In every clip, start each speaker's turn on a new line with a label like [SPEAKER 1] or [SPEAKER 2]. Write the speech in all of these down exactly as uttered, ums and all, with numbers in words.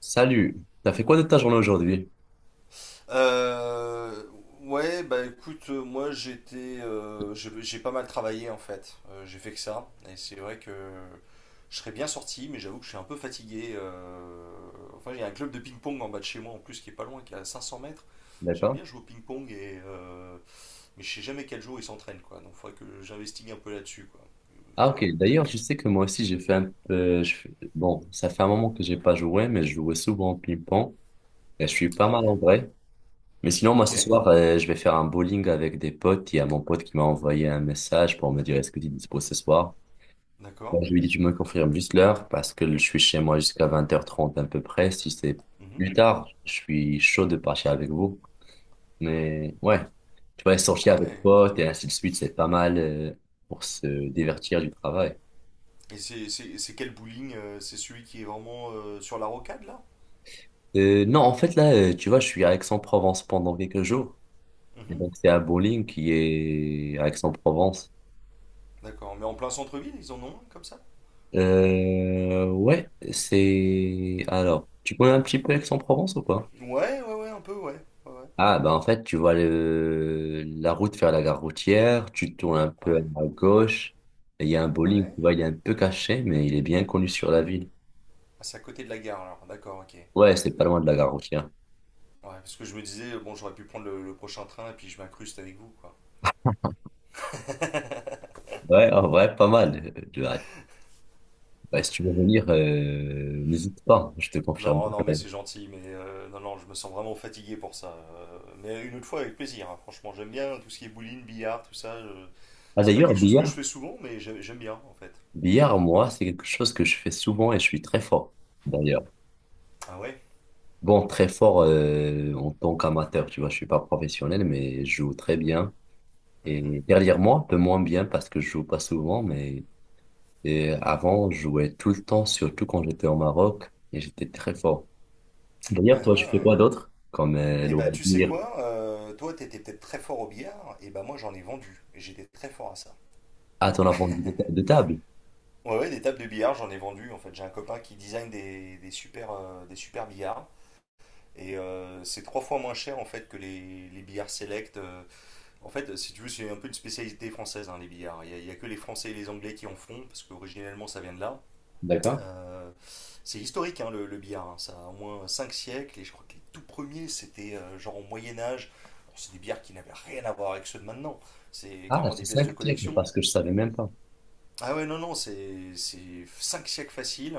[SPEAKER 1] Salut, t'as fait quoi de ta journée aujourd'hui?
[SPEAKER 2] Euh, ouais, bah écoute, euh, moi j'étais, euh, j'ai j'ai pas mal travaillé en fait. Euh, j'ai fait que ça, et c'est vrai que je serais bien sorti, mais j'avoue que je suis un peu fatigué. euh, Enfin, il y a un club de ping-pong en bas de chez moi en plus qui est pas loin, qui est à cinq cents mètres. J'aime
[SPEAKER 1] D'accord.
[SPEAKER 2] bien jouer au ping-pong et euh, mais je sais jamais quel jour ils s'entraînent quoi. Donc, faudrait que j'investigue un peu là-dessus quoi.
[SPEAKER 1] Ah ok,
[SPEAKER 2] Faudrait
[SPEAKER 1] d'ailleurs
[SPEAKER 2] peut-être.
[SPEAKER 1] je sais que moi aussi j'ai fait un peu... je fais- Bon, ça fait un moment que j'ai pas joué, mais je jouais souvent au ping-pong et je suis pas
[SPEAKER 2] Ah
[SPEAKER 1] mal
[SPEAKER 2] ouais.
[SPEAKER 1] en vrai. Mais sinon moi
[SPEAKER 2] Ok.
[SPEAKER 1] ce soir euh, je vais faire un bowling avec des potes. Il y a mon pote qui m'a envoyé un message pour me dire est-ce que tu es dispo ce soir?
[SPEAKER 2] D'accord.
[SPEAKER 1] Moi, je lui ai dit tu me confirmes juste l'heure parce que je suis chez moi jusqu'à vingt heures trente à peu près. Si c'est
[SPEAKER 2] Mhm.
[SPEAKER 1] plus tard, je suis chaud de partir avec vous. Mais ouais, tu vois, sortir
[SPEAKER 2] Ah
[SPEAKER 1] avec
[SPEAKER 2] ouais, cool.
[SPEAKER 1] potes et ainsi de suite, c'est pas mal euh, pour se divertir du travail.
[SPEAKER 2] Et c'est c'est- c'est quel bowling? euh, C'est celui qui est vraiment euh, sur la rocade là?
[SPEAKER 1] Euh, non, en fait, là, euh, tu vois, je suis à Aix-en-Provence pendant quelques jours. Et
[SPEAKER 2] Mhm.
[SPEAKER 1] donc, c'est à Bowling qui est à Aix-en-Provence.
[SPEAKER 2] D'accord, mais en plein centre-ville, ils en ont un comme ça.
[SPEAKER 1] Euh, ouais, c'est... Alors, tu connais un petit peu Aix-en-Provence ou pas?
[SPEAKER 2] Ouais, ouais, ouais, un peu, ouais. Ouais, ouais.
[SPEAKER 1] Ah, bah en fait, tu vois le... la route vers la gare routière, tu tournes un peu à
[SPEAKER 2] Ouais,
[SPEAKER 1] gauche, et il y a un bowling,
[SPEAKER 2] ouais.
[SPEAKER 1] tu vois, il est un peu caché, mais il est bien connu sur la ville.
[SPEAKER 2] Ah, c'est à côté de la gare alors, d'accord, ok. Ouais,
[SPEAKER 1] Ouais, c'est pas loin de la gare routière.
[SPEAKER 2] parce que je me disais, bon, j'aurais pu prendre le, le prochain train et puis je m'incruste avec vous, quoi.
[SPEAKER 1] Ouais, en vrai, pas mal. Euh, ouais. Bah, si tu veux venir, euh, n'hésite pas, je te confirme.
[SPEAKER 2] Non, non, mais
[SPEAKER 1] Ouais.
[SPEAKER 2] c'est gentil, mais euh, non, non, je me sens vraiment fatigué pour ça. euh, Mais une autre fois, avec plaisir, hein, franchement, j'aime bien tout ce qui est bowling, billard, tout ça. je-
[SPEAKER 1] Ah
[SPEAKER 2] C'est pas
[SPEAKER 1] d'ailleurs,
[SPEAKER 2] quelque chose que je
[SPEAKER 1] billard,
[SPEAKER 2] fais souvent, mais j'ai- j'aime bien, en fait.
[SPEAKER 1] billard, moi, c'est quelque chose que je fais souvent et je suis très fort, d'ailleurs.
[SPEAKER 2] Ah ouais.
[SPEAKER 1] Bon, très fort euh, en tant qu'amateur, tu vois, je suis pas professionnel, mais je joue très bien. Et
[SPEAKER 2] Mhm.
[SPEAKER 1] dernièrement, un peu moins bien parce que je joue pas souvent, mais et avant, je jouais tout le temps, surtout quand j'étais au Maroc, et j'étais très fort. D'ailleurs,
[SPEAKER 2] Ah
[SPEAKER 1] toi, tu fais
[SPEAKER 2] ah.
[SPEAKER 1] quoi d'autre? Comme euh,
[SPEAKER 2] Eh ben, tu sais
[SPEAKER 1] loisir
[SPEAKER 2] quoi, euh, toi, t'étais peut-être très fort au billard, et ben moi, j'en ai vendu. Et j'étais très fort à ça.
[SPEAKER 1] à ton avant de ta- de table.
[SPEAKER 2] Ouais, ouais, des tables de billard, j'en ai vendu. En fait, j'ai un copain qui design des, des super, euh, des super billards. Et euh, c'est trois fois moins cher en fait que les, les billards select. euh. En fait, si tu veux, c'est un peu une spécialité française, hein, les billards. Il n'y a, il y a que les Français et les Anglais qui en font, parce qu'originellement ça vient de là.
[SPEAKER 1] D'accord.
[SPEAKER 2] Euh, c'est historique, hein, le, le billard, hein. Ça a au moins cinq siècles et je crois que les tout premiers c'était euh, genre au Moyen Âge. Bon, c'est des billards qui n'avaient rien à voir avec ceux de maintenant, c'est
[SPEAKER 1] Ah,
[SPEAKER 2] clairement
[SPEAKER 1] c'est
[SPEAKER 2] des pièces
[SPEAKER 1] ça
[SPEAKER 2] de
[SPEAKER 1] que tire,
[SPEAKER 2] collection.
[SPEAKER 1] parce que je savais même pas.
[SPEAKER 2] Ah ouais, non, non, c'est cinq siècles faciles.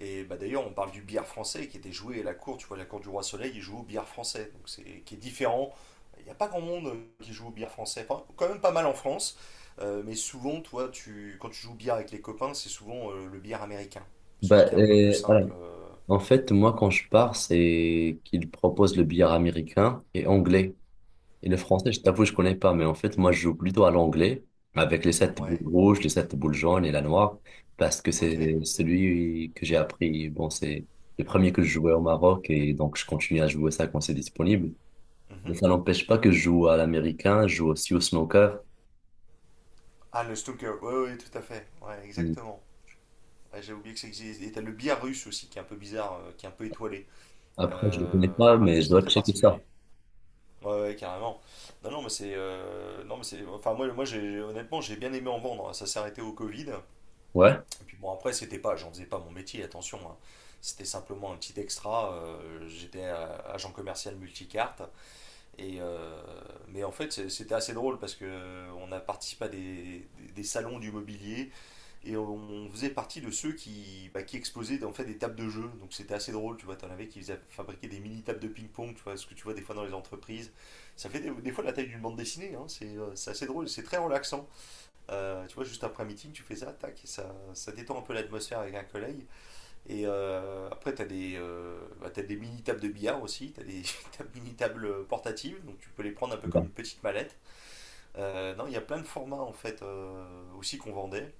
[SPEAKER 2] Et bah d'ailleurs, on parle du billard français qui était joué à la cour, tu vois, la cour du Roi Soleil, il joue au billard français, donc c'est qui est différent. Il n'y a pas grand monde qui joue au billard français, enfin, quand même pas mal en France. Euh, mais souvent, toi, tu, quand tu joues au billard avec les copains, c'est souvent euh, le billard américain, parce que
[SPEAKER 1] Bah,
[SPEAKER 2] qui est un peu plus
[SPEAKER 1] euh, voilà.
[SPEAKER 2] simple. euh,
[SPEAKER 1] En fait, moi, quand je pars, c'est qu'ils proposent le billard américain et anglais. Et le français, je t'avoue, je connais pas, mais en fait, moi, je joue plutôt à l'anglais, avec les sept boules
[SPEAKER 2] Ouais,
[SPEAKER 1] rouges, les sept boules jaunes et la noire, parce que
[SPEAKER 2] ok.
[SPEAKER 1] c'est celui que j'ai appris. Bon, c'est le premier que je jouais au Maroc, et donc je continue à jouer ça quand c'est disponible. Mais
[SPEAKER 2] mhm.
[SPEAKER 1] ça n'empêche pas que je joue à l'américain, je joue aussi au snooker.
[SPEAKER 2] Ah, le snooker, ouais, ouais, tout à fait, ouais, exactement. Ouais, j'ai oublié que ça existe. Et t'as le billard russe aussi, qui est un peu bizarre, euh, qui est un peu étoilé.
[SPEAKER 1] Après, je le connais pas,
[SPEAKER 2] Euh,
[SPEAKER 1] mais je
[SPEAKER 2] c'est
[SPEAKER 1] dois
[SPEAKER 2] très
[SPEAKER 1] checker ça.
[SPEAKER 2] particulier. Ouais, ouais, carrément. Non, non, mais c'est, euh, non, mais c'est, enfin moi, moi, j'ai, honnêtement, j'ai bien aimé en vendre. Ça s'est arrêté au Covid.
[SPEAKER 1] Ouais.
[SPEAKER 2] Et puis bon, après, c'était pas, j'en faisais pas mon métier, attention, hein. C'était simplement un petit extra. euh, J'étais euh, agent commercial multicarte. Et euh, mais en fait, c'est- c'était assez drôle parce que euh, on a participé à des, des, des salons du mobilier. Et on faisait partie de ceux qui, bah, qui exposaient en fait des tables de jeu. Donc c'était assez drôle, tu vois. T'en avais qui fabriquaient des mini tables de ping-pong, tu vois, ce que tu vois des fois dans les entreprises. Ça fait des, des fois la taille d'une bande dessinée, hein. C'est, euh, c'est assez drôle, c'est très relaxant. Euh, tu vois, juste après un meeting, tu fais ça, tac, et ça, ça détend un peu l'atmosphère avec un collègue. Et euh, après, t'as des, euh, bah, t'as des mini tables de billard aussi, t'as des t'as des mini tables portatives, donc tu peux les prendre un peu comme une petite mallette. Euh, non, il y a plein de formats en fait euh, aussi qu'on vendait.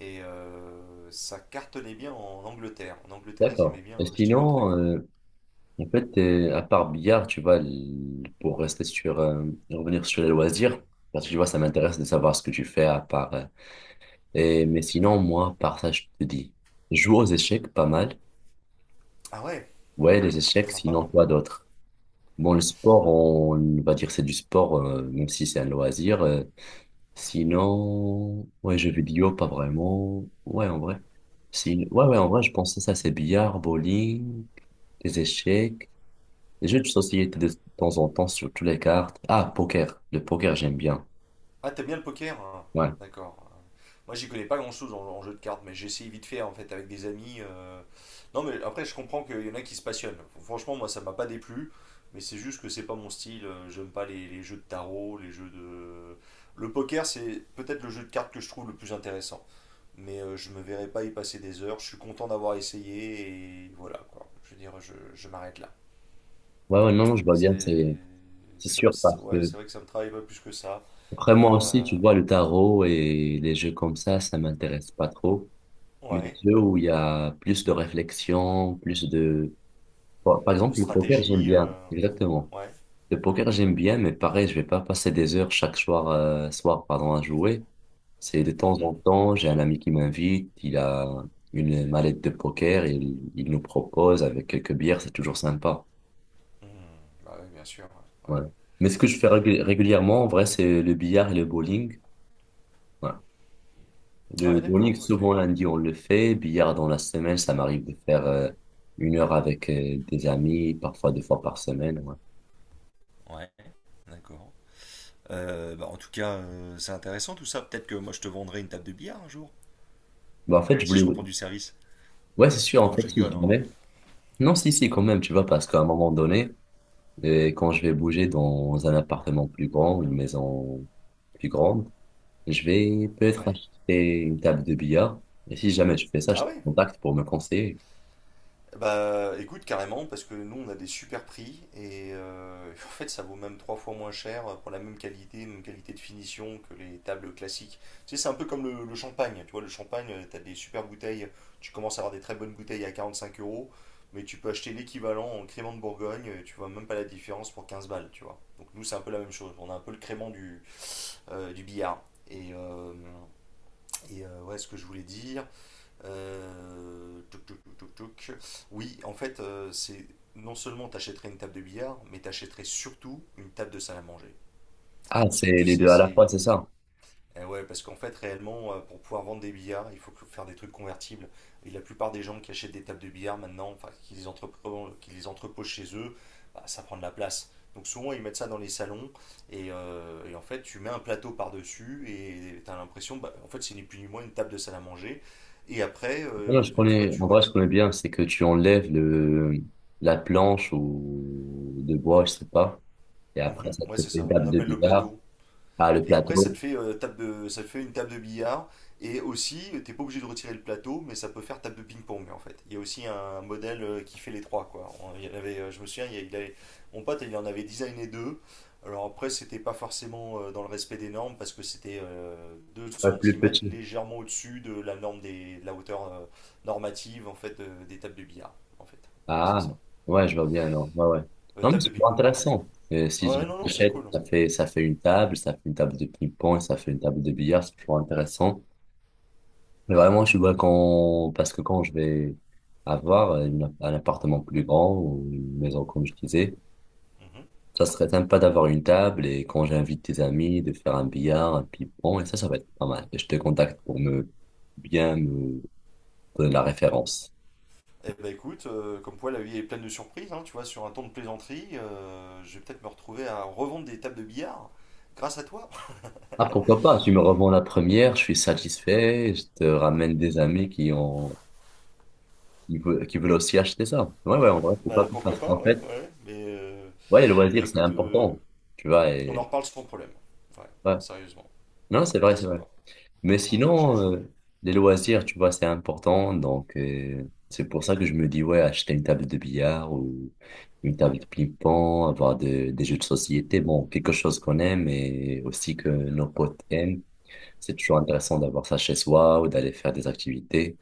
[SPEAKER 2] Et euh, Ça cartonnait bien en Angleterre. En Angleterre, ils aimaient
[SPEAKER 1] D'accord.
[SPEAKER 2] bien
[SPEAKER 1] Et
[SPEAKER 2] acheter nos
[SPEAKER 1] sinon,
[SPEAKER 2] trucs.
[SPEAKER 1] euh, en fait, euh, à part billard, tu vois, l- pour rester sur, euh, revenir sur les loisirs, parce que tu vois, ça m'intéresse de savoir ce que tu fais à part. Euh, et, mais sinon, moi, par ça, je te dis, je joue aux échecs pas mal.
[SPEAKER 2] Ah ouais,
[SPEAKER 1] Ouais, les échecs,
[SPEAKER 2] sympa,
[SPEAKER 1] sinon
[SPEAKER 2] hein.
[SPEAKER 1] quoi d'autre? Bon, le sport, on va dire c'est du sport, euh, même si c'est un loisir. Euh, sinon, ouais, jeux vidéo, pas vraiment. Ouais, en vrai. Sin- Ouais, ouais, en vrai, je pensais ça, c'est billard, bowling, les échecs. Les jeux de société de temps en temps, surtout les cartes. Ah, poker. Le poker, j'aime bien.
[SPEAKER 2] Ah, t'aimes bien le poker? Hein.
[SPEAKER 1] Ouais.
[SPEAKER 2] D'accord. Moi, j'y connais pas grand-chose en, en jeu de cartes, mais j'essaye vite fait en fait avec des amis. euh. Non, mais après, je comprends qu'il y en a qui se passionnent. Franchement, moi, ça m'a pas déplu, mais c'est juste que c'est pas mon style. Euh, J'aime pas les, les jeux de tarot. Les jeux de. Le poker, c'est peut-être le jeu de cartes que je trouve le plus intéressant. Mais euh, je me verrai pas y passer des heures. Je suis content d'avoir essayé et voilà quoi. Je veux dire, je, je m'arrête là.
[SPEAKER 1] Ouais, ouais, non, je vois
[SPEAKER 2] Mais
[SPEAKER 1] bien,
[SPEAKER 2] c'est,
[SPEAKER 1] c'est, c'est
[SPEAKER 2] ça
[SPEAKER 1] sûr,
[SPEAKER 2] me-
[SPEAKER 1] parce
[SPEAKER 2] ouais,
[SPEAKER 1] que
[SPEAKER 2] c'est vrai que ça me travaille pas plus que ça.
[SPEAKER 1] après moi aussi,
[SPEAKER 2] Euh,
[SPEAKER 1] tu vois, le tarot et les jeux comme ça, ça m'intéresse pas trop. Mais les
[SPEAKER 2] ouais,
[SPEAKER 1] jeux où il y a plus de réflexion, plus de... Par par
[SPEAKER 2] de
[SPEAKER 1] exemple, le poker, j'aime
[SPEAKER 2] stratégie,
[SPEAKER 1] bien.
[SPEAKER 2] euh,
[SPEAKER 1] Exactement.
[SPEAKER 2] ouais.
[SPEAKER 1] Le poker, j'aime bien, mais pareil, je vais pas passer des heures chaque soir, euh, soir, pardon, à jouer. C'est de temps
[SPEAKER 2] Mhm.
[SPEAKER 1] en temps, j'ai un ami qui m'invite, il a une mallette de poker, et il, il nous propose avec quelques bières, c'est toujours sympa.
[SPEAKER 2] Mhm. Bah oui, bien sûr. Ouais,
[SPEAKER 1] Voilà. Mais ce que je fais régul- régulièrement, en vrai, c'est le billard et le bowling. Voilà.
[SPEAKER 2] ouais.
[SPEAKER 1] Le
[SPEAKER 2] Ouais,
[SPEAKER 1] bowling,
[SPEAKER 2] d'accord, ok.
[SPEAKER 1] souvent lundi, on le fait. Billard dans la semaine, ça m'arrive de faire euh, une heure avec euh, des amis, parfois deux fois par semaine. Ouais.
[SPEAKER 2] Ouais, d'accord. Euh, bah, en tout cas, euh, c'est intéressant tout ça. Peut-être que moi je te vendrai une table de billard un jour,
[SPEAKER 1] Bah, en fait, je
[SPEAKER 2] si
[SPEAKER 1] voulais...
[SPEAKER 2] je reprends du service.
[SPEAKER 1] Ouais, c'est sûr, en
[SPEAKER 2] Non, je
[SPEAKER 1] fait, si
[SPEAKER 2] rigole, hein, mais.
[SPEAKER 1] jamais... Non, si, si, quand même, tu vois, parce qu'à un moment donné... Et quand je vais bouger dans un appartement plus grand, une maison plus grande, je vais peut-être
[SPEAKER 2] Ouais.
[SPEAKER 1] acheter une table de billard. Et si jamais je fais ça, je
[SPEAKER 2] Ah
[SPEAKER 1] te
[SPEAKER 2] ouais.
[SPEAKER 1] contacte pour me conseiller.
[SPEAKER 2] Bah écoute, carrément, parce que nous on a des super prix et euh, en fait ça vaut même trois fois moins cher pour la même qualité, même qualité de finition que les tables classiques. Tu sais, c'est un peu comme le, le champagne, tu vois, le champagne, euh, t'as des super bouteilles, tu commences à avoir des très bonnes bouteilles à quarante-cinq euros, mais tu peux acheter l'équivalent en crément de Bourgogne, euh, tu vois même pas la différence pour quinze balles, tu vois. Donc nous c'est un peu la même chose, on a un peu le crément du, euh, du billard. Et, euh, et, euh, ouais, ce que je voulais dire, euh, touc, touc, touc, touc, oui, en fait, euh, c'est non seulement t'achèterais une table de billard, mais t'achèterais surtout une table de salle à manger.
[SPEAKER 1] Ah,
[SPEAKER 2] Parce
[SPEAKER 1] c'est
[SPEAKER 2] que tu
[SPEAKER 1] les deux
[SPEAKER 2] sais,
[SPEAKER 1] à la
[SPEAKER 2] c'est
[SPEAKER 1] fois, c'est ça.
[SPEAKER 2] Eh ouais, parce qu'en fait, réellement, euh, pour pouvoir vendre des billards, il faut que- faire des trucs convertibles. Et la plupart des gens qui achètent des tables de billard maintenant, enfin, qui les entreposent, qui les entreposent chez eux, bah, ça prend de la place. Donc souvent, ils mettent ça dans les salons. Et, euh, et en fait, tu mets un plateau par-dessus et tu as l'impression, bah, en fait, c'est ni plus ni moins une table de salle à manger. Et après,
[SPEAKER 1] Non,
[SPEAKER 2] euh,
[SPEAKER 1] je
[SPEAKER 2] tu tu vois.
[SPEAKER 1] connais,
[SPEAKER 2] tu...
[SPEAKER 1] en vrai, je
[SPEAKER 2] re-
[SPEAKER 1] connais bien, c'est que tu enlèves le, la planche ou de bois, je sais pas. Et après,
[SPEAKER 2] Mhm,
[SPEAKER 1] ça
[SPEAKER 2] ouais,
[SPEAKER 1] te fait
[SPEAKER 2] c'est
[SPEAKER 1] une
[SPEAKER 2] ça. On
[SPEAKER 1] table de
[SPEAKER 2] appelle le
[SPEAKER 1] billard.
[SPEAKER 2] plateau.
[SPEAKER 1] Ah, le
[SPEAKER 2] Et après, ça te
[SPEAKER 1] plateau,
[SPEAKER 2] fait, euh, table de, ça te fait une table de billard. Et aussi, t'es pas obligé de retirer le plateau, mais ça peut faire table de ping-pong en fait. Il y a aussi un modèle euh, qui fait les trois quoi. On- il y en avait, euh, je me souviens. Il y a- il avait- Mon pote il en avait designé deux. Alors après, c'était pas forcément euh, dans le respect des normes parce que c'était euh, deux
[SPEAKER 1] ouais, plus
[SPEAKER 2] centimètres
[SPEAKER 1] petit.
[SPEAKER 2] légèrement au-dessus de la norme des, de la hauteur euh, normative en fait de- des tables de billard en fait. Voilà, c'est
[SPEAKER 1] Ah,
[SPEAKER 2] ça.
[SPEAKER 1] ouais, je vois bien alors. Ouais, ouais.
[SPEAKER 2] Euh,
[SPEAKER 1] Non, mais
[SPEAKER 2] table de
[SPEAKER 1] c'est pas
[SPEAKER 2] ping-pong, pardon.
[SPEAKER 1] intéressant. Euh, si je
[SPEAKER 2] Ouais, non, non, c'est
[SPEAKER 1] l'achète,
[SPEAKER 2] cool.
[SPEAKER 1] ça fait, ça fait une table, ça fait une table de ping-pong, ça fait une table de billard, c'est toujours intéressant. Mais vraiment, je vois quand, parce que quand je vais avoir une- un appartement plus grand ou une maison, comme je disais,
[SPEAKER 2] Mhm.
[SPEAKER 1] ça serait sympa d'avoir une table et quand j'invite tes amis, de faire un billard, un ping-pong, et ça, ça va être pas mal. Et je te contacte pour me bien me donner la référence.
[SPEAKER 2] Eh ben écoute, euh, comme quoi la vie est pleine de surprises, hein, tu vois, sur un ton de plaisanterie, euh, je vais peut-être me retrouver à revendre des tables de billard grâce à toi.
[SPEAKER 1] Ah, pourquoi pas? Tu me revends la première, je suis satisfait, je te ramène des amis qui ont, qui veulent, qui veulent aussi acheter ça. Ouais, ouais, en vrai, faut
[SPEAKER 2] Bah
[SPEAKER 1] pas,
[SPEAKER 2] pourquoi
[SPEAKER 1] parce
[SPEAKER 2] pas,
[SPEAKER 1] qu'en
[SPEAKER 2] ouais,
[SPEAKER 1] fait,
[SPEAKER 2] ouais. Mais euh,
[SPEAKER 1] ouais, les
[SPEAKER 2] bah
[SPEAKER 1] loisirs, c'est
[SPEAKER 2] écoute, euh,
[SPEAKER 1] important, tu vois,
[SPEAKER 2] on en
[SPEAKER 1] et,
[SPEAKER 2] reparle sans problème. Ouais,
[SPEAKER 1] ouais.
[SPEAKER 2] sérieusement. Ouais,
[SPEAKER 1] Non, c'est vrai, c'est
[SPEAKER 2] t'hésites
[SPEAKER 1] vrai.
[SPEAKER 2] pas. Ouais,
[SPEAKER 1] Mais
[SPEAKER 2] j'ai- je-
[SPEAKER 1] sinon, euh, les loisirs, tu vois, c'est important, donc, euh, c'est pour ça que je me dis, ouais, acheter une table de billard ou une table de ping-pong, avoir de- des jeux de société, bon, quelque chose qu'on aime et aussi que nos potes aiment. C'est toujours intéressant d'avoir ça chez soi ou d'aller faire des activités.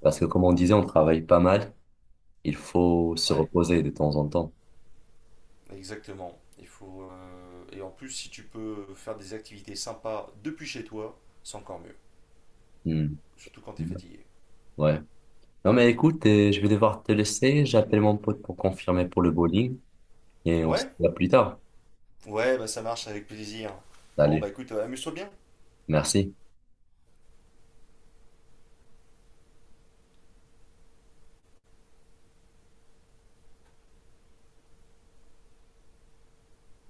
[SPEAKER 1] Parce que comme on disait, on travaille pas mal. Il faut se
[SPEAKER 2] ouais,
[SPEAKER 1] reposer de temps en temps.
[SPEAKER 2] exactement. Il faut euh, Et en plus si tu peux faire des activités sympas depuis chez toi, c'est encore mieux.
[SPEAKER 1] Hmm.
[SPEAKER 2] Surtout quand t'es fatigué.
[SPEAKER 1] Ouais. Non mais écoute, euh, je vais devoir te laisser. J'appelle mon pote pour confirmer pour le bowling et on se
[SPEAKER 2] Ouais,
[SPEAKER 1] voit plus tard.
[SPEAKER 2] ouais, bah ça marche avec plaisir. Bon
[SPEAKER 1] Salut.
[SPEAKER 2] bah écoute, euh, amuse-toi bien.
[SPEAKER 1] Merci.